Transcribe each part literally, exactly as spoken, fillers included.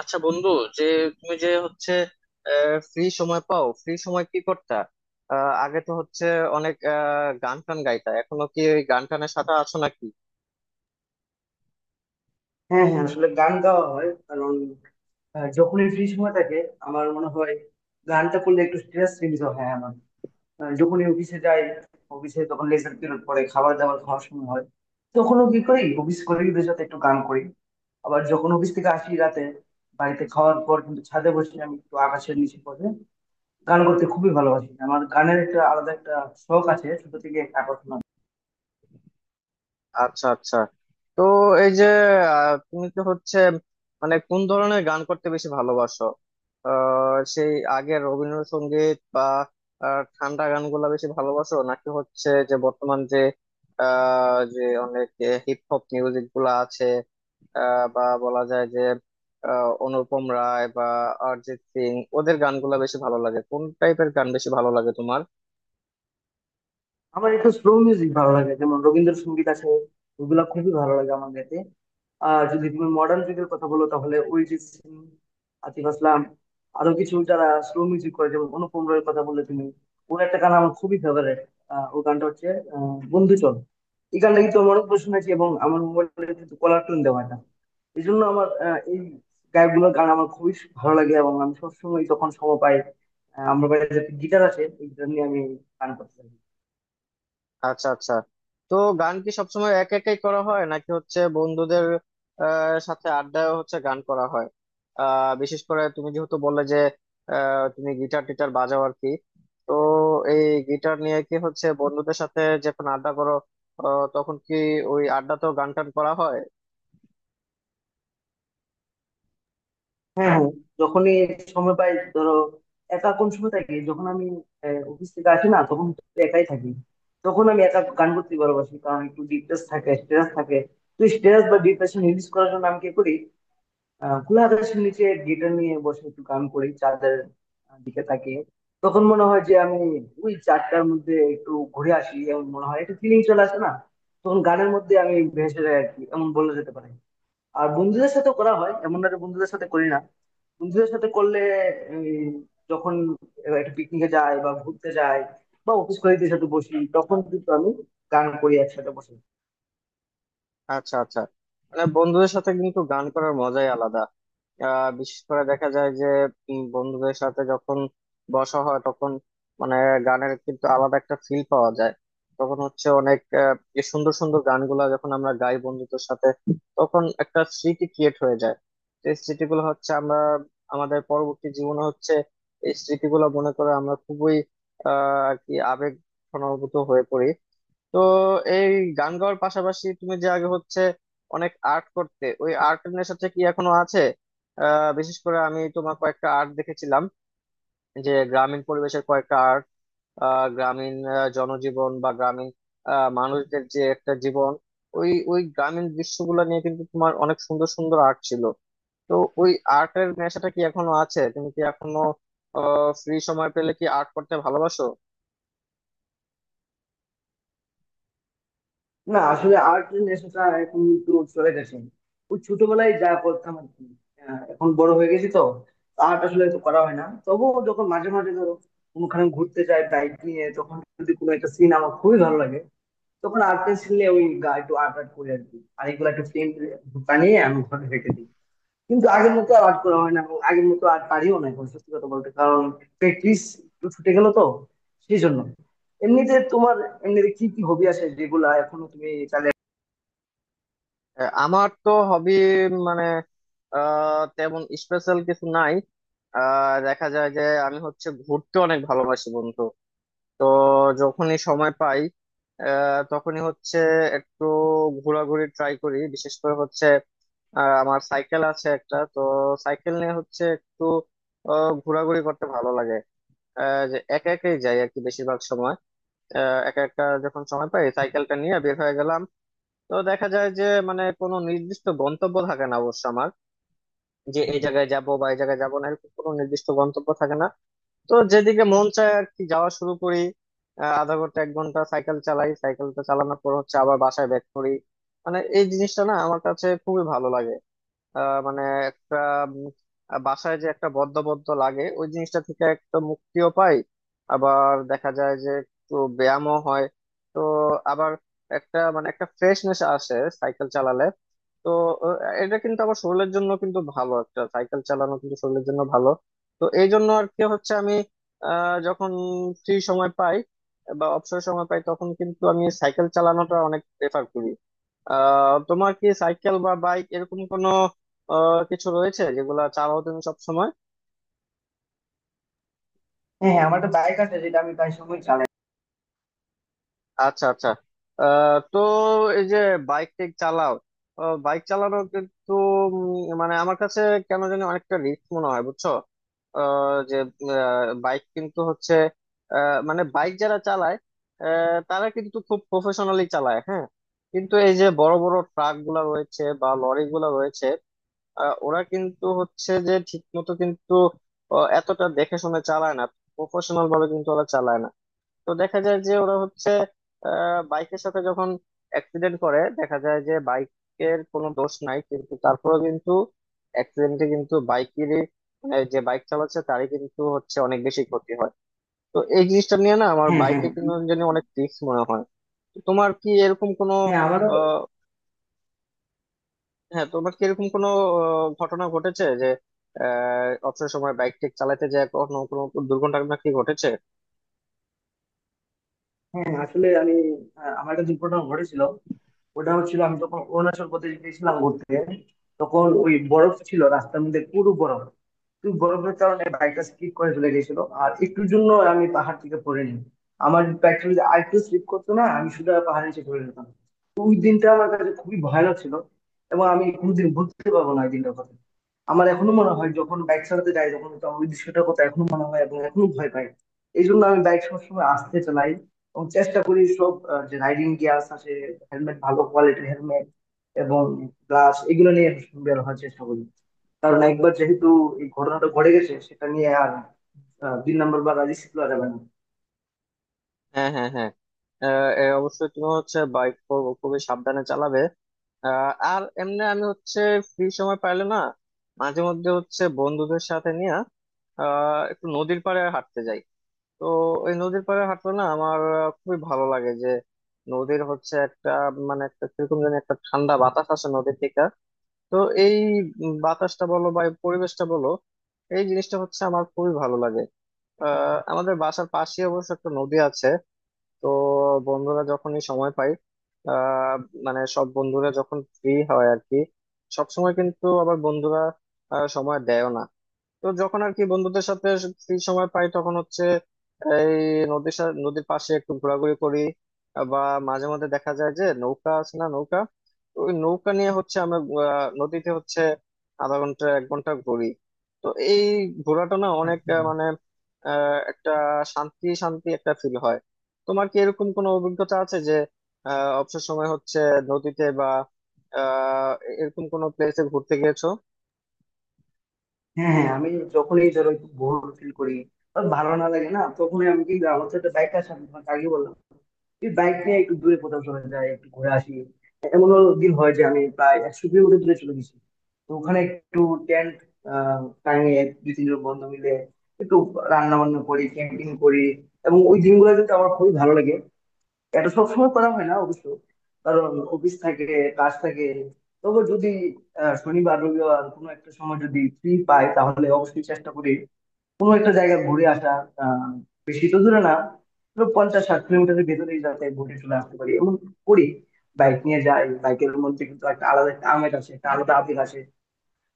আচ্ছা বন্ধু, যে তুমি যে হচ্ছে ফ্রি সময় পাও, ফ্রি সময় কি করতা? আহ, আগে তো হচ্ছে অনেক আহ, গান টান গাইতা, এখনো কি ওই গান টানের সাথে আছো নাকি? হ্যাঁ, হ্যাঁ, আসলে গান গাওয়া হয় কারণ আহ, যখনই ফ্রি সময় থাকে আমার মনে হয় গানটা করলে একটু স্ট্রেস রিলিজ হয়। হ্যাঁ, আমার আহ, যখনই অফিসে যাই, অফিসে তখন লেজার পিরিয়ড পরে খাবার দাবার খাওয়ার সময় হয়, তখনও কি করি অফিস কলিগদের সাথে একটু গান করি। আবার যখন অফিস থেকে আসি রাতে, বাড়িতে খাওয়ার পর কিন্তু ছাদে বসে আমি একটু আকাশের নিচে বসে গান করতে খুবই ভালোবাসি। আমার গানের একটা আলাদা একটা শখ আছে, ছোট থেকে একটা আকর্ষণ আছে। আচ্ছা আচ্ছা। তো এই যে আহ, তুমি কি হচ্ছে মানে কোন ধরনের গান করতে বেশি ভালোবাসো? আহ, সেই আগের রবীন্দ্রসঙ্গীত বা আহ, ঠান্ডা গানগুলা বেশি ভালোবাসো, নাকি হচ্ছে যে বর্তমান যে আহ, যে অনেক হিপ হপ মিউজিক গুলা আছে, আহ, বা বলা যায় যে আহ, অনুপম রায় বা অরিজিৎ সিং, ওদের গানগুলা বেশি ভালো লাগে? কোন টাইপের গান বেশি ভালো লাগে তোমার? আমার একটু স্লো মিউজিক ভালো লাগে, যেমন রবীন্দ্রসঙ্গীত আছে, ওগুলা খুবই ভালো লাগে আমার গাইতে। আর যদি তুমি মডার্ন যুগের কথা বলো তাহলে অরিজিৎ সিং, আতিফ আসলাম, আরো কিছু যারা স্লো মিউজিক করে, যেমন অনুপম রায়ের কথা বললে তুমি, ওর একটা গান আমার খুবই ফেভারিট। ওর গানটা হচ্ছে আহ, বন্ধু চল। এই গানটা কিন্তু আমার অনেক শুনেছি এবং আমার মোবাইলে কিন্তু কলার টোন দেওয়া এটা। এই জন্য আমার আহ, এই গায়কগুলোর গান আমার খুবই ভালো লাগে এবং আমি সবসময় যখন সময় পাই, আহ, আমার বাড়িতে গিটার আছে, এই গিটার নিয়ে আমি গান করতে থাকি। আচ্ছা আচ্ছা। তো গান কি সবসময় এক একাই করা হয়, নাকি হচ্ছে বন্ধুদের আহ, সাথে আড্ডায় হচ্ছে গান করা হয়? আহ বিশেষ করে তুমি যেহেতু বললে যে আহ, তুমি গিটার টিটার বাজাও আর কি, তো এই গিটার নিয়ে কি হচ্ছে বন্ধুদের সাথে যখন আড্ডা করো আহ, তখন কি ওই আড্ডাতেও গান টান করা হয়? হ্যাঁ, হ্যাঁ, যখনই সময় পাই ধরো, একা কোন সময় থাকি যখন আমি আহ, অফিস থেকে আসি না তখন তো একাই থাকি, তখন আমি একা গান করতে ভালোবাসি, কারণ একটু ডিপ্রেস থাকে, স্ট্রেস থাকে। তো স্ট্রেস বা ডিপ্রেশন রিলিজ করার জন্য আমি কি করি, আহ খোলা আকাশের নিচে গিটার নিয়ে বসে একটু গান করি, চাঁদের আহ, দিকে তাকিয়ে। তখন মনে হয় যে আমি ওই চাঁদটার মধ্যে একটু ঘুরে আসি, এমন মনে হয়, একটু ফিলিং চলে আসে না, তখন গানের মধ্যে আমি ভেসে যাই আর কি, এমন বলা যেতে পারে। আর বন্ধুদের সাথে করা হয়, এমন না যে বন্ধুদের সাথে করি না, বন্ধুদের সাথে করলে এই, যখন একটা পিকনিকে যাই বা ঘুরতে যাই, বা অফিস কলিগদের সাথে বসি, তখন কিন্তু আমি গান করি একসাথে বসে। আচ্ছা আচ্ছা। মানে বন্ধুদের সাথে কিন্তু গান করার মজাই আলাদা। আহ বিশেষ করে দেখা যায় যে উম, বন্ধুদের সাথে যখন বসা হয় তখন মানে গানের কিন্তু আলাদা একটা ফিল পাওয়া যায়। তখন হচ্ছে অনেক আহ, যে সুন্দর সুন্দর গানগুলা যখন আমরা গাই বন্ধুদের সাথে, তখন একটা স্মৃতি ক্রিয়েট হয়ে যায়। তো এই স্মৃতিগুলো হচ্ছে আমরা আমাদের পরবর্তী জীবনে হচ্ছে এই স্মৃতিগুলো মনে করে আমরা খুবই আহ আর কি আবেগ ঘনভূত হয়ে পড়ি। তো এই গান গাওয়ার পাশাপাশি তুমি যে আগে হচ্ছে অনেক আর্ট করতে, ওই আর্ট নেশাটা কি এখনো আছে? আহ বিশেষ করে আমি তোমার কয়েকটা আর্ট দেখেছিলাম, যে গ্রামীণ পরিবেশের কয়েকটা আর্ট, আহ গ্রামীণ আহ, জনজীবন বা গ্রামীণ আহ, মানুষদের যে একটা জীবন, ওই ওই গ্রামীণ দৃশ্যগুলো নিয়ে কিন্তু তোমার অনেক সুন্দর সুন্দর আর্ট ছিল। তো ওই আর্টের নেশাটা কি এখনো আছে? তুমি কি এখনো আহ ফ্রি সময় পেলে কি আর্ট করতে ভালোবাসো? না, আসলে আর্ট নেশাটা এখন কিন্তু চলে গেছে, ওই ছোটবেলায় যা করতাম আর কি। আহ, এখন বড় হয়ে গেছি তো, আর্ট আসলে তো করা হয় না। তবুও যখন মাঝে মাঝে ধরো কোনোখানে ঘুরতে যাই বাইক নিয়ে, তখন যদি কোনো একটা সিন আমার খুবই ভালো লাগে তখন আর্ট পেন্সিল নিয়ে ওই গা- একটু আর্ট আর্ট করি আর কি, আর এগুলো একটা ফ্রেম বানিয়ে আমি ঘরে রেখে দিই। কিন্তু আগের মতো আর আর্ট করা হয় না, এবং আগের মতো আর পারিও না এখন, সত্যি কথা বলতে, কারণ প্র্যাকটিস একটু ছুটে গেল তো, সেই জন্য। এমনিতে তোমার, এমনিতে কি কি হবি আছে যেগুলা এখনো তুমি চালিয়ে? আহ, আমার তো হবি মানে আহ, তেমন স্পেশাল কিছু নাই। আহ, দেখা যায় যে আমি হচ্ছে ঘুরতে অনেক ভালোবাসি বন্ধু। তো যখনই সময় পাই আহ, তখনই হচ্ছে একটু ঘোরাঘুরি ট্রাই করি। বিশেষ করে হচ্ছে আহ, আমার সাইকেল আছে একটা, তো সাইকেল নিয়ে হচ্ছে একটু আহ, ঘোরাঘুরি করতে ভালো লাগে। আহ, যে একা একাই যাই আর কি বেশিরভাগ সময়। আহ, একা একা যখন সময় পাই সাইকেলটা নিয়ে বের হয়ে গেলাম। তো দেখা যায় যে মানে কোনো নির্দিষ্ট গন্তব্য থাকে না অবশ্য আমার, যে এই জায়গায় যাব বা এই জায়গায় যাব না, এরকম কোনো নির্দিষ্ট গন্তব্য থাকে না। তো যেদিকে মন চায় আর কি যাওয়া শুরু করি। আহ, আধা ঘন্টা এক ঘন্টা সাইকেল চালাই, সাইকেলটা চালানোর পর হচ্ছে আবার বাসায় ব্যাক করি। মানে এই জিনিসটা না আমার কাছে খুবই ভালো লাগে। আহ, মানে একটা উম, আহ, বাসায় যে একটা বদ্ধ বদ্ধ লাগে ওই জিনিসটা থেকে একটা মুক্তিও পাই। আবার দেখা যায় যে একটু ব্যায়ামও হয়। তো আবার একটা মানে একটা ফ্রেশনেস আসে সাইকেল চালালে। তো আহ, এটা কিন্তু আবার শরীরের জন্য কিন্তু ভালো, একটা সাইকেল চালানো কিন্তু শরীরের জন্য ভালো। তো এই জন্য আর কি হচ্ছে আমি আহ যখন ফ্রি সময় পাই বা অবসর সময় পাই তখন কিন্তু আমি সাইকেল চালানোটা অনেক প্রেফার করি। আহ তোমার কি সাইকেল বা বাইক এরকম কোনো আহ কিছু রয়েছে যেগুলা চালাও তুমি সব সময়? হ্যাঁ, হ্যাঁ, আমার একটা বাইক আছে যেটা আমি প্রায় সময় চালাই। আচ্ছা আচ্ছা। আহ, তো এই যে বাইক টেক চালাও, বাইক চালানো কিন্তু উম, মানে আমার কাছে কেন জানি অনেকটা রিস্ক মনে হয়, বুঝছো? আহ, যে বাইক কিন্তু হচ্ছে আহ, মানে বাইক যারা চালায় আহ, তারা কিন্তু খুব প্রফেশনালি চালায়, হ্যাঁ। কিন্তু এই যে বড় বড় ট্রাক গুলা রয়েছে বা লরি গুলা রয়েছে, আহ, ওরা কিন্তু হচ্ছে যে ঠিক মতো কিন্তু আহ, এতটা দেখে শুনে চালায় না, প্রফেশনাল ভাবে কিন্তু ওরা চালায় না। তো দেখা যায় যে ওরা হচ্ছে বাইকের সাথে যখন অ্যাক্সিডেন্ট করে, দেখা যায় যে বাইকের কোনো দোষ নাই, কিন্তু তারপরেও কিন্তু অ্যাক্সিডেন্টে কিন্তু বাইকেরই মানে যে বাইক চালাচ্ছে তারই কিন্তু হচ্ছে অনেক বেশি ক্ষতি হয়। তো এই জিনিসটা নিয়ে না আমার হ্যাঁ, হ্যাঁ, হ্যাঁ, বাইকে কিন্তু আমি তো জানি জানি। অনেক রিস্ক মনে হয়। তো তোমার কি এরকম কোনো হ্যাঁ, আমারও। হ্যাঁ তোমার কি এরকম কোনো আহ, ঘটনা ঘটেছে যে আহ, অবসর সময় বাইক টেক চালাতে যায়, কোনো কোনো দুর্ঘটনা কি ঘটেছে? হ্যাঁ, আসলে আমি আহ, আমার একটা দুর্ঘটনা ঘটেছিল। ওটা হচ্ছিল আমি যখন অরুণাচল প্রদেশ গেছিলাম ঘুরতে, তখন ওই বরফ ছিল রাস্তার মধ্যে, পুরো বরফ। তুই বরফের কারণে বাইকটা স্লিপ করে চলে গেছিল, আর একটুর জন্য আমি পাহাড় থেকে পড়ে নি। আমার বাইকটা যদি আরেকটু স্লিপ করতো না, আমি শুধু পাহাড়ের নিচে পড়ে যেতাম। তো ওই দিনটা আমার কাছে খুবই ভয়ানক ছিল, এবং আমি কোনোদিন ভুলতে পারবো না ওই দিনটার কথা। আমার এখনো মনে হয় যখন বাইক চালাতে যাই তখন তো ওই দৃশ্যটার কথা এখনো মনে হয় এবং এখনো ভয় পাই। এই জন্য আমি বাইক সবসময় আস্তে চালাই, এবং চেষ্টা করি সব আহ, যে রাইডিং গিয়ার্স আছে, হেলমেট, ভালো কোয়ালিটির হেলমেট এবং গ্লাস, এগুলো নিয়ে বের হওয়ার চেষ্টা করি। কারণ একবার যেহেতু এই ঘটনাটা ঘটে গেছে, সেটা নিয়ে আর আহ, দুই নাম্বার বার রাজি শিখলো যাবে না। হ্যাঁ হ্যাঁ হ্যাঁ। আহ, এ অবশ্যই তুমি হচ্ছে বাইক খুবই সাবধানে চালাবে। আহ, আর এমনি আমি হচ্ছে ফ্রি সময় পাইলে না মাঝে মধ্যে হচ্ছে বন্ধুদের সাথে নিয়ে আহ একটু নদীর পাড়ে হাঁটতে যাই। তো ওই নদীর পাড়ে হাঁটলে না আমার আহ, খুবই ভালো লাগে। যে নদীর হচ্ছে একটা মানে একটা কিরকম যেন একটা ঠান্ডা বাতাস আসে নদীর থেকে। তো এই উম বাতাসটা বলো বা এই পরিবেশটা বলো, এই জিনিসটা হচ্ছে আমার খুবই ভালো লাগে। আহ আমাদের বাসার পাশে অবশ্য একটা নদী আছে। তো বন্ধুরা যখনই সময় পাই আহ মানে সব বন্ধুরা যখন ফ্রি হয় আর কি, সব সময় কিন্তু আবার বন্ধুরা আহ, সময় দেয়ও না। তো যখন আর কি বন্ধুদের সাথে ফ্রি সময় পাই তখন হচ্ছে এই নদীর সা- নদীর পাশে একটু ঘোরাঘুরি করি, বা মাঝে মধ্যে দেখা যায় যে নৌকা আছে না, নৌকা, তো ওই নৌকা নিয়ে হচ্ছে আমরা আহ, নদীতে হচ্ছে আধা ঘন্টা এক ঘন্টা ঘুরি। তো এই ঘোরাটা না হ্যাঁ, অনেক আহ, মানে আহ, একটা শান্তি শান্তি একটা ফিল হয়। তোমার কি এরকম কোনো অভিজ্ঞতা আছে যে আহ অবসর সময় হচ্ছে নদীতে বা আহ এরকম কোনো প্লেসে ঘুরতে গিয়েছো? হ্যাঁ, আমি যখনই ধরো একটু বোর ফিল করি আর ভালো না লাগে না, তখনই আমি কিন্তু, আমার সাথে বাইক আসে, আমি তোমাকে আগে বললাম, এই বাইক নিয়ে একটু দূরে কোথাও চলে যাই, একটু ঘুরে আসি। এমনও দিন হয় যে আমি প্রায় একশো কিলোমিটার দূরে চলে গেছি। তো ওখানে একটু টেন্ট আহ টাঙিয়ে দুই তিনজন বন্ধু মিলে একটু রান্না বান্না করি, ক্যাম্পিং করি, এবং ওই দিনগুলো কিন্তু আমার খুবই ভালো লাগে। এটা সবসময় করা হয় না অবশ্য, কারণ অফিস থাকে, কাজ থাকে। তবে যদি আহ, শনিবার রবিবার কোনো একটা সময় যদি ফ্রি পাই তাহলে অবশ্যই চেষ্টা করি কোনো একটা জায়গা ঘুরে আসা। আহ, বেশি তো দূরে না, ধরো পঞ্চাশ ষাট কিলোমিটারের ভেতরেই যাতে ঘুরে চলে আসতে পারি, এমন করি। বাইক নিয়ে যাই, বাইকের মধ্যে কিন্তু একটা আলাদা একটা আমেজ আছে, একটা আলাদা আবেগ আছে।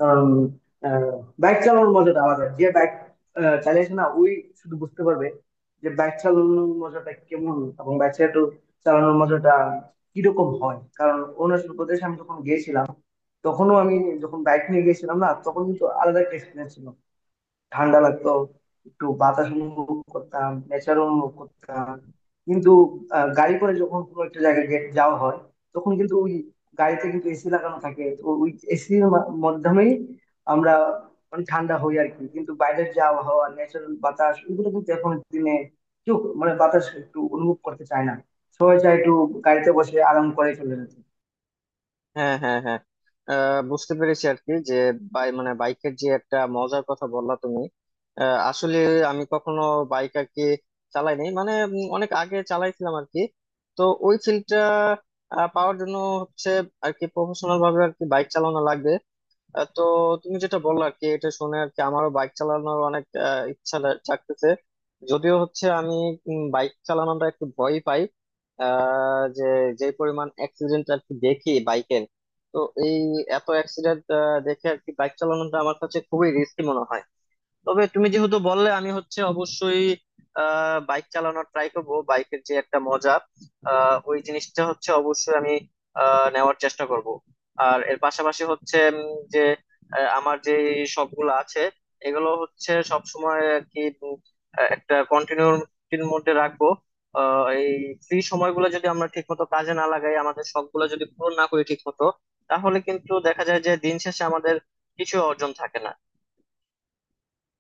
কারণ বাইক চালানোর মজাটা আলাদা, যে বাইক চালিয়েছে না ওই শুধু বুঝতে পারবে যে বাইক চালানোর মজাটা কেমন, এবং বাইক চালানোর মজাটা কিরকম হয়। কারণ অরুণাচল প্রদেশে আমি যখন গিয়েছিলাম, তখনও আমি, যখন বাইক নিয়ে গিয়েছিলাম না, তখন কিন্তু আলাদা একটা এক্সপিরিয়েন্স ছিল। ঠান্ডা লাগতো, একটু বাতাস অনুভব করতাম, নেচার অনুভব করতাম। কিন্তু আহ, গাড়ি করে যখন কোনো একটা জায়গায় গে- যাওয়া হয়, তখন কিন্তু ওই গাড়িতে কিন্তু এসি লাগানো থাকে, তো ওই এসির মাধ্যমেই আমরা মানে ঠান্ডা হই আর কি। কিন্তু বাইরের যে আবহাওয়া, ন্যাচারাল বাতাস, ওগুলো কিন্তু এখন দিনে কেউ মানে বাতাস একটু অনুভব করতে চায় না, সবাই চায় একটু গাড়িতে বসে আরাম করে চলে যেতে। হ্যাঁ হ্যাঁ হ্যাঁ। আহ, বুঝতে পেরেছি আর কি যে বাই মানে বাইকের যে একটা মজার কথা বললা তুমি। আহ, আসলে আমি কখনো বাইক আর কি চালাইনি মানে উম, অনেক আগে চালাইছিলাম আর কি। তো ওই ফিল্ডটা পাওয়ার জন্য হচ্ছে আর কি প্রফেশনাল ভাবে আর কি বাইক চালানো লাগবে। আহ, তো তুমি যেটা বললা আর কি, এটা শুনে আর কি আমারও বাইক চালানোর অনেক আহ, ইচ্ছা লা- জাগতেছে। যদিও হচ্ছে আমি বাইক চালানোটা একটু ভয় পাই আহ, যে যে পরিমাণ অ্যাক্সিডেন্ট আর কি দেখি বাইকের, তো এই এত অ্যাক্সিডেন্ট দেখে আর কি বাইক চালানোটা আমার কাছে খুবই রিস্কি মনে হয়। তবে তুমি যেহেতু বললে আমি হচ্ছে অবশ্যই আহ বাইক চালানোর ট্রাই করব, বাইকের যে একটা মজা আহ ওই জিনিসটা হচ্ছে অবশ্যই আমি আহ নেওয়ার চেষ্টা করব। আর এর পাশাপাশি হচ্ছে উম, যে আহ, আমার যে শখগুলো আছে এগুলো হচ্ছে সব সময় আর কি উম, আহ, একটা কন্টিনিউটির মধ্যে রাখবো। আহ এই ফ্রি সময়গুলো যদি আমরা ঠিক মতো কাজে না লাগাই, আমাদের শখগুলো যদি পূরণ না করি ঠিক মতো, তাহলে কিন্তু দেখা যায় যে দিন শেষে আমাদের কিছু অর্জন থাকে না।